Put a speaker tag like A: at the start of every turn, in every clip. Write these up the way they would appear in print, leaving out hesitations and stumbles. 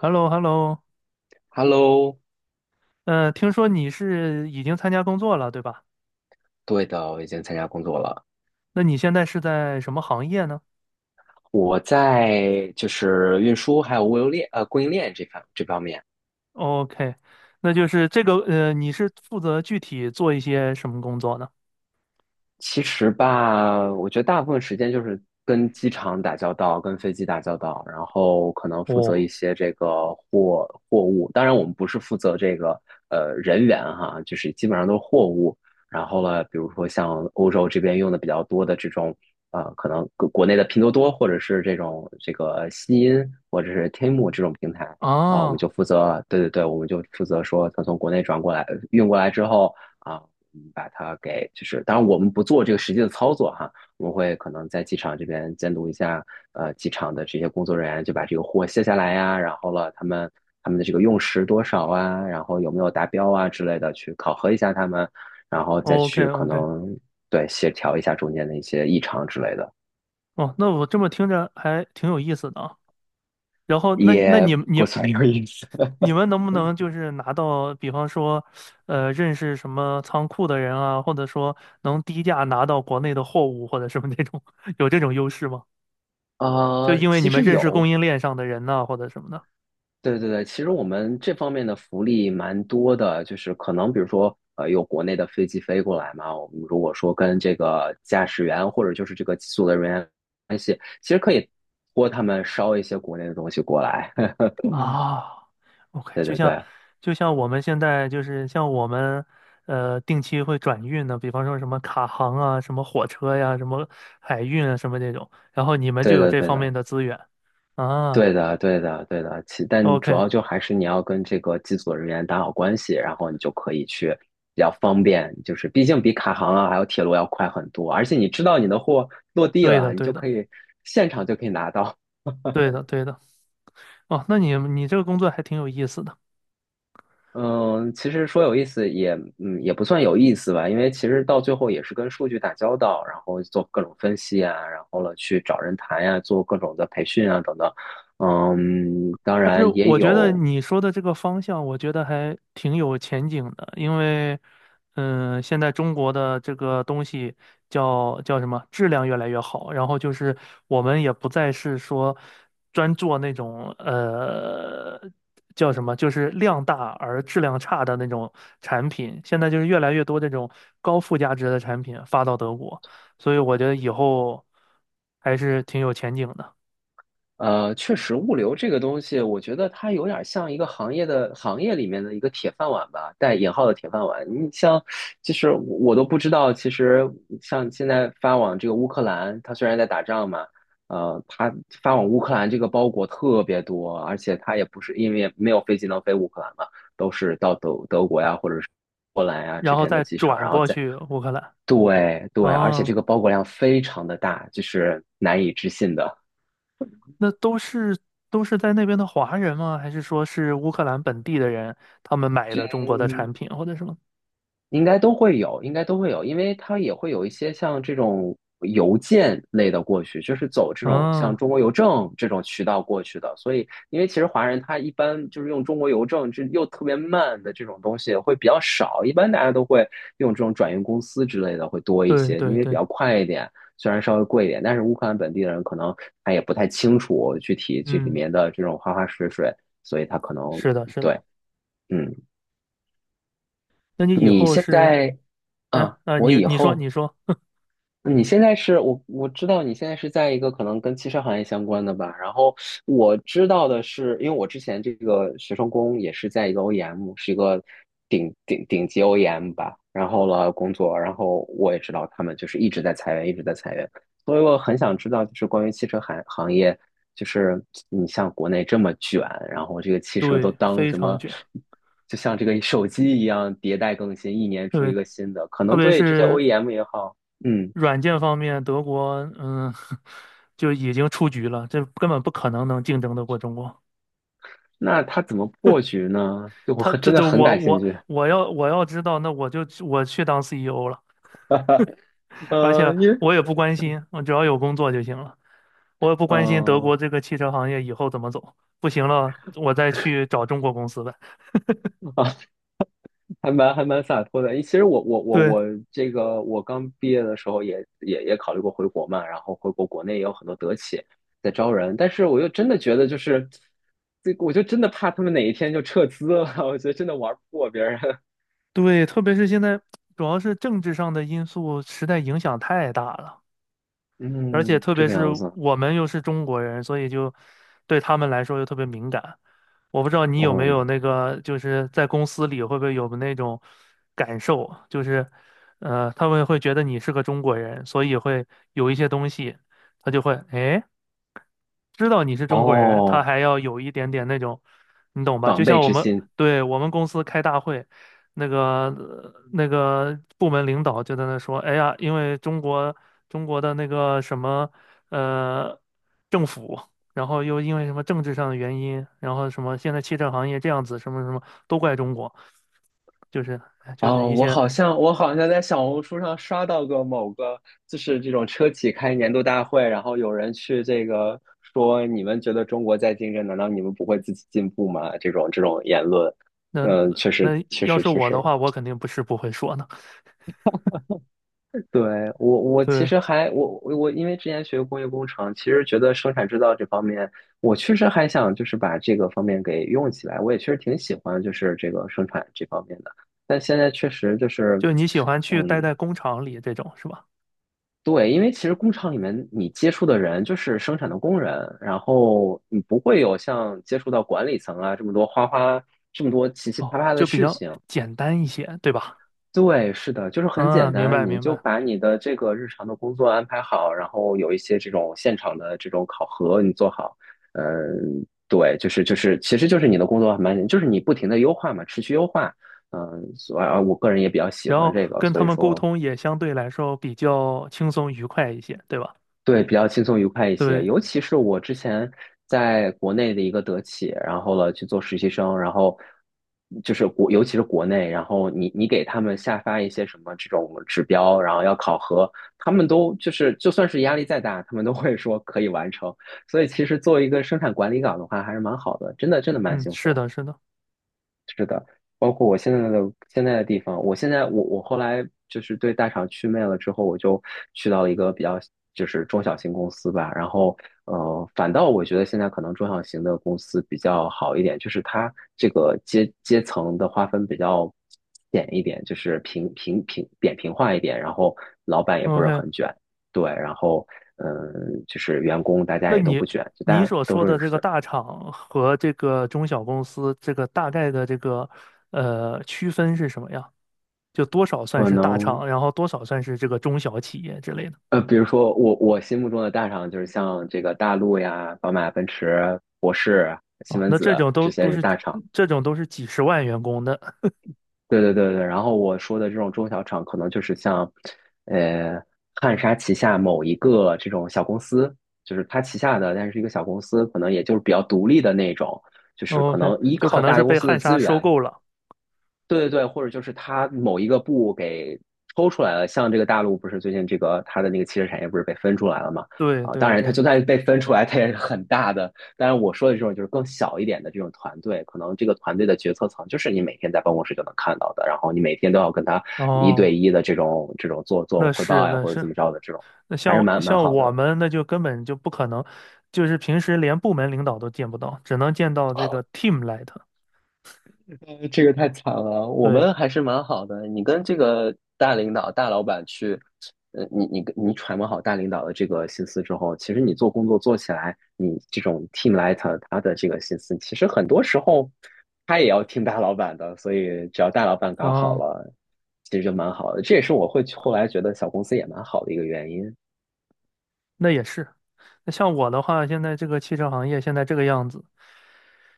A: h e l l o h e l l o
B: Hello。
A: 听说你是已经参加工作了，对吧？
B: 对的，我已经参加工作了。
A: 那你现在是在什么行业呢？
B: 我在就是运输还有物流链供应链这方面。
A: 哦，OK，那就是这个，你是负责具体做一些什么工作呢？
B: 其实吧，我觉得大部分时间就是跟机场打交道，跟飞机打交道，然后可能负责一
A: 哦，
B: 些这个货物。当然，我们不是负责这个人员哈，就是基本上都是货物。然后呢，比如说像欧洲这边用的比较多的这种可能国内的拼多多或者是这种这个西音或者是天 e 这种平台啊，我们
A: 啊
B: 就负责，对对对，我们就负责说，它从国内转过来运过来之后。啊。把它给就是，当然我们不做这个实际的操作哈，我们会可能在机场这边监督一下，呃，机场的这些工作人员就把这个货卸下来呀，然后了他们他们的这个用时多少啊，然后有没有达标啊之类的，去考核一下他们，然后再去可
A: ，OK，OK，
B: 能对协调一下中间的一些异常之类的，
A: 哦，那我这么听着还挺有意思的啊。然后，那你
B: 也
A: 们你
B: 不算有意思。
A: 你们能不能就是拿到，比方说，认识什么仓库的人啊，或者说能低价拿到国内的货物或者什么那种，有这种优势吗？就因为
B: 其
A: 你们
B: 实
A: 认识供
B: 有，
A: 应链上的人呐、或者什么的。
B: 对对对，其实我们这方面的福利蛮多的，就是可能比如说，呃，有国内的飞机飞过来嘛，我们如果说跟这个驾驶员或者就是这个机组的人员关系，其实可以托他们捎一些国内的东西过来。
A: 啊，OK，
B: 对
A: 就
B: 对
A: 像
B: 对，
A: 就像我们现在就是像我们定期会转运的，比方说什么卡航啊、什么火车呀、什么海运啊、什么这种，然后你们就
B: 对
A: 有
B: 的
A: 这
B: 对
A: 方面
B: 的。
A: 的资源。
B: 对
A: 啊
B: 的，对的，对的。其但主
A: ，OK,
B: 要就还是你要跟这个机组人员打好关系，然后你就可以去比较方便，就是毕竟比卡航啊还有铁路要快很多，而且你知道你的货落地
A: 对的，
B: 了，你
A: 对
B: 就
A: 的，
B: 可以现场就可以拿到。
A: 对的，对的，哦，那你这个工作还挺有意思的。
B: 嗯，其实说有意思也也不算有意思吧，因为其实到最后也是跟数据打交道，然后做各种分析啊，然后了去找人谈呀、做各种的培训啊等等。嗯，当
A: 但是
B: 然也
A: 我觉得
B: 有，
A: 你说的这个方向，我觉得还挺有前景的，因为，现在中国的这个东西叫什么，质量越来越好，然后就是我们也不再是说专做那种叫什么，就是量大而质量差的那种产品，现在就是越来越多这种高附加值的产品发到德国，所以我觉得以后还是挺有前景的，
B: 确实，物流这个东西，我觉得它有点像一个行业的行业里面的一个铁饭碗吧，带引号的铁饭碗。你像，其实我都不知道，其实像现在发往这个乌克兰，它虽然在打仗嘛，呃，它发往乌克兰这个包裹特别多，而且它也不是因为没有飞机能飞乌克兰嘛，都是到德国呀，或者是波兰呀这
A: 然后
B: 边的
A: 再
B: 机场，
A: 转
B: 然后
A: 过
B: 再
A: 去乌克兰。
B: 对对，而且这
A: 啊，
B: 个包裹量非常的大，就是难以置信的。
A: 那都是在那边的华人吗？还是说是乌克兰本地的人，他们买的中国的产品或者什么？
B: 应该都会有，应该都会有，因为它也会有一些像这种邮件类的过去，就是走这种像
A: 啊，
B: 中国邮政这种渠道过去的。所以，因为其实华人他一般就是用中国邮政，这又特别慢的这种东西会比较少，一般大家都会用这种转运公司之类的会多一
A: 对
B: 些，因
A: 对
B: 为比
A: 对，
B: 较快一点，虽然稍微贵一点，但是乌克兰本地人可能他也不太清楚具体这里
A: 嗯，
B: 面的这种花花水水，所以他可能
A: 是的，是
B: 对，
A: 的。
B: 嗯。
A: 那你以
B: 你
A: 后
B: 现
A: 是，
B: 在，
A: 哎，
B: 嗯，
A: 啊，
B: 我
A: 你
B: 以
A: 你说
B: 后，
A: 你说，
B: 你现在是我知道你现在是在一个可能跟汽车行业相关的吧，然后我知道的是，因为我之前这个学生工也是在一个 OEM,是一个顶级 OEM 吧，然后了工作，然后我也知道他们就是一直在裁员，一直在裁员，所以我很想知道就是关于汽车行业，就是你像国内这么卷，然后这个汽车都
A: 对，
B: 当
A: 非
B: 什
A: 常
B: 么？
A: 卷，
B: 就像这个手机一样迭代更新，一年出一
A: 对，
B: 个新的，可
A: 特
B: 能
A: 别
B: 对这些
A: 是
B: OEM 也好，嗯。
A: 软件方面，德国，就已经出局了，这根本不可能能竞争得过中国。
B: 那他怎么破局呢？就我
A: 他
B: 很
A: 这
B: 真的
A: 这
B: 很
A: 我
B: 感兴
A: 我
B: 趣。
A: 我要我要知道，那我去当 CEO 了。而且
B: 因为
A: 我也不关心，我只要有工作就行了。我也不
B: 嗯
A: 关心德国
B: 呃
A: 这个汽车行业以后怎么走，不行了，我再去找中国公司呗。
B: 啊，还蛮洒脱的。其实我我我
A: 对
B: 我这个我刚毕业的时候也考虑过回国嘛，然后回国国内也有很多德企在招人，但是我又真的觉得就是这个我就真的怕他们哪一天就撤资了，我觉得真的玩不过别人。
A: 对，特别是现在，主要是政治上的因素实在影响太大了。而且
B: 嗯，
A: 特
B: 这
A: 别
B: 个
A: 是
B: 样子。
A: 我们又是中国人，所以就对他们来说又特别敏感。我不知道你有没
B: 哦
A: 有那个，就是在公司里会不会有那种感受，就是他们会觉得你是个中国人，所以会有一些东西，他就会知道你是中国人，他
B: 哦，
A: 还要有一点点那种，你懂吧？就
B: 防备
A: 像我
B: 之
A: 们，
B: 心。
A: 对，我们公司开大会，那个那个部门领导就在那说，哎呀，因为中国的那个什么呃政府，然后又因为什么政治上的原因，然后什么现在汽车行业这样子，什么什么都怪中国，就是就是
B: 哦，
A: 一
B: 我
A: 些
B: 好像我好像在小红书上刷到过某个，就是这种车企开年度大会，然后有人去这个说，你们觉得中国在竞争，难道你们不会自己进步吗？这种这种言论，
A: 那
B: 嗯，确实
A: 那
B: 确
A: 要
B: 实
A: 是
B: 确
A: 我
B: 实，
A: 的话，我肯定不是不会说的。
B: 对我其
A: 对，
B: 实还我我我因为之前学工业工程，其实觉得生产制造这方面，我确实还想就是把这个方面给用起来，我也确实挺喜欢就是这个生产这方面的。但现在确实就是，
A: 就你喜欢去待
B: 嗯，
A: 在工厂里这种是吧？
B: 对，因为其实工厂里面你接触的人就是生产的工人，然后你不会有像接触到管理层啊这么多花花这么多奇奇
A: 哦，
B: 葩葩的
A: 就比
B: 事
A: 较
B: 情。
A: 简单一些，对吧？
B: 对，是的，就是很简
A: 嗯，明
B: 单，
A: 白
B: 你
A: 明
B: 就
A: 白。
B: 把你的这个日常的工作安排好，然后有一些这种现场的这种考核你做好。嗯，对，就是，其实就是你的工作还蛮简，就是你不停的优化嘛，持续优化。嗯，所以啊，我个人也比较喜
A: 然
B: 欢
A: 后
B: 这个，
A: 跟
B: 所
A: 他
B: 以
A: 们沟
B: 说。
A: 通也相对来说比较轻松愉快一些，对吧？
B: 对，比较轻松愉快一些。
A: 对，
B: 尤其是我之前在国内的一个德企，然后了去做实习生，然后就是国，尤其是国内，然后你给他们下发一些什么这种指标，然后要考核，他们都就是就算是压力再大，他们都会说可以完成。所以其实作为一个生产管理岗的话，还是蛮好的，真的蛮
A: 嗯，
B: 幸
A: 是
B: 福。
A: 的，是的。
B: 是的，包括我现在的现在的地方，我现在我后来就是对大厂祛魅了之后，我就去到了一个比较就是中小型公司吧，然后呃，反倒我觉得现在可能中小型的公司比较好一点，就是它这个阶层的划分比较扁一点，就是平平平扁平化一点，然后老板也不是
A: OK,
B: 很卷，对，然后嗯，就是员工大家
A: 那
B: 也都
A: 你
B: 不卷，就
A: 你
B: 大家
A: 所
B: 都
A: 说的
B: 是
A: 这个大厂和这个中小公司，这个大概的这个区分是什么呀？就多少算
B: 可
A: 是大
B: 能。
A: 厂，然后多少算是这个中小企业之类的。
B: 呃，比如说我我心目中的大厂就是像这个大陆呀、宝马、奔驰、博世、西
A: 哦，
B: 门
A: 那这
B: 子
A: 种都
B: 这些
A: 都
B: 是
A: 是
B: 大厂。
A: 这种都是几十万员工的
B: 对，然后我说的这种中小厂，可能就是像，呃，汉莎旗下某一个这种小公司，就是它旗下的，但是一个小公司，可能也就是比较独立的那种，就是可
A: ，OK,
B: 能依
A: 就可
B: 靠
A: 能
B: 大
A: 是
B: 公
A: 被
B: 司
A: 汉
B: 的
A: 莎
B: 资
A: 收
B: 源，
A: 购了。
B: 对对对，或者就是它某一个部给抽出来了，像这个大陆不是最近这个它的那个汽车产业不是被分出来了嘛？
A: 对
B: 啊，当
A: 对
B: 然它
A: 对。
B: 就算被分出来，它也是很大的。当然我说的这种就是更小一点的这种团队，可能这个团队的决策层就是你每天在办公室就能看到的，然后你每天都要跟他一
A: 哦，
B: 对一的这种这种做
A: 那
B: 汇
A: 是
B: 报呀，
A: 那
B: 或者
A: 是，
B: 怎么着的这种，
A: 那
B: 还是
A: 像
B: 蛮
A: 像
B: 好
A: 我
B: 的。
A: 们那就根本就不可能，就是平时连部门领导都见不到，只能见到这个 team lead。
B: 呃，这个太惨了，我
A: 对，
B: 们还是蛮好的。你跟这个大领导、大老板去，呃，你跟你揣摩好大领导的这个心思之后，其实你做工作做起来，你这种 team lead 他的这个心思，其实很多时候他也要听大老板的，所以只要大老板搞好
A: 嗯。
B: 了，其实就蛮好的。这也是我会后来觉得小公司也蛮好的一个原因。
A: 那也是。那像我的话，现在这个汽车行业现在这个样子，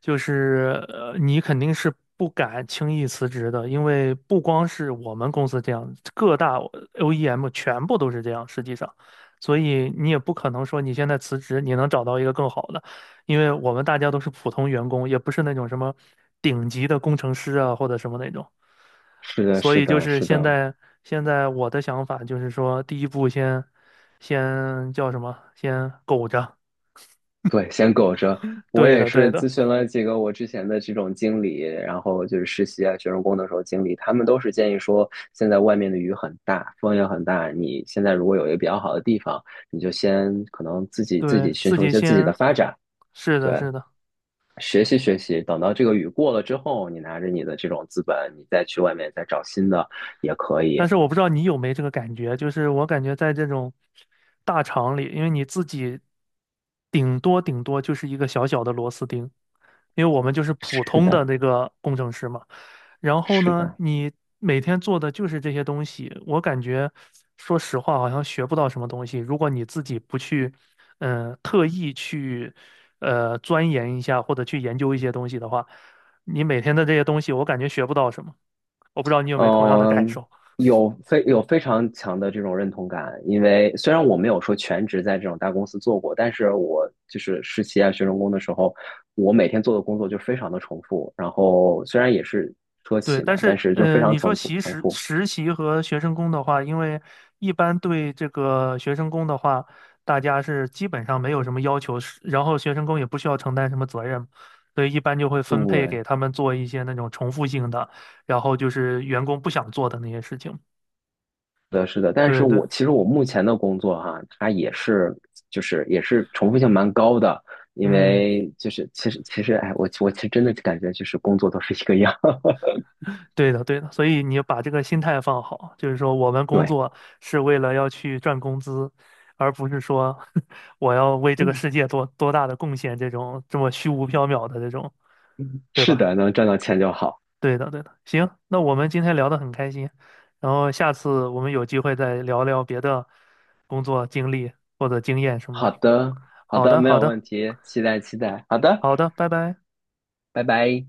A: 就是你肯定是不敢轻易辞职的，因为不光是我们公司这样，各大 OEM 全部都是这样，实际上，所以你也不可能说你现在辞职，你能找到一个更好的，因为我们大家都是普通员工，也不是那种什么顶级的工程师啊或者什么那种。
B: 是的，
A: 所
B: 是
A: 以就
B: 的，
A: 是
B: 是
A: 现
B: 的。
A: 在，现在我的想法就是说，第一步先，先叫什么？先苟着。
B: 对，先苟着。我
A: 对
B: 也
A: 的，对
B: 是
A: 的，
B: 咨询了几个我之前的这种经理，然后就是实习啊、学生工的时候经理，他们都是建议说，现在外面的雨很大，风也很大，你现在如果有一个比较好的地方，你就先可能自己自
A: 对
B: 己寻
A: 自
B: 求一
A: 己
B: 些自己的
A: 先，
B: 发展，
A: 是的，
B: 对，
A: 是的。
B: 学习学习，等到这个雨过了之后，你拿着你的这种资本，你再去外面再找新的也可以。
A: 但是我不知道你有没这个感觉，就是我感觉在这种大厂里，因为你自己顶多顶多就是一个小小的螺丝钉，因为我们就是普
B: 是
A: 通的
B: 的，
A: 那个工程师嘛。然后
B: 是
A: 呢，
B: 的。
A: 你每天做的就是这些东西，我感觉说实话好像学不到什么东西。如果你自己不去，特意去钻研一下或者去研究一些东西的话，你每天的这些东西，我感觉学不到什么。我不知道你有没有同样的感
B: 嗯，
A: 受。
B: 有非常强的这种认同感，因为虽然我没有说全职在这种大公司做过，但是我就是实习啊、学生工的时候，我每天做的工作就非常的重复。然后虽然也是车
A: 对，
B: 企嘛，
A: 但
B: 但
A: 是
B: 是就是非常
A: 你说
B: 重复重复。
A: 实习和学生工的话，因为一般对这个学生工的话，大家是基本上没有什么要求，是然后学生工也不需要承担什么责任，所以一般就会分配给
B: 对，
A: 他们做一些那种重复性的，然后就是员工不想做的那些事情。
B: 是的，是的。但是
A: 对对，
B: 我其实我目前的工作哈、它也是就是也是重复性蛮高的，因
A: 嗯。
B: 为就是其实哎，我其实真的感觉就是工作都是一个样。
A: 对的，对的，所以你要把这个心态放好，就是说我们工
B: 对，
A: 作是为了要去赚工资，而不是说 我要为这个
B: 嗯
A: 世界做多大的贡献这种这么虚无缥缈的这种，对
B: 是
A: 吧？
B: 的，能赚到钱就好。
A: 对的，对的。行，那我们今天聊得很开心，然后下次我们有机会再聊聊别的工作经历或者经验什么
B: 好
A: 的。
B: 的，好
A: 好
B: 的，
A: 的，
B: 没
A: 好
B: 有
A: 的，
B: 问题，期待期待。好的，
A: 好的，拜拜。
B: 拜拜。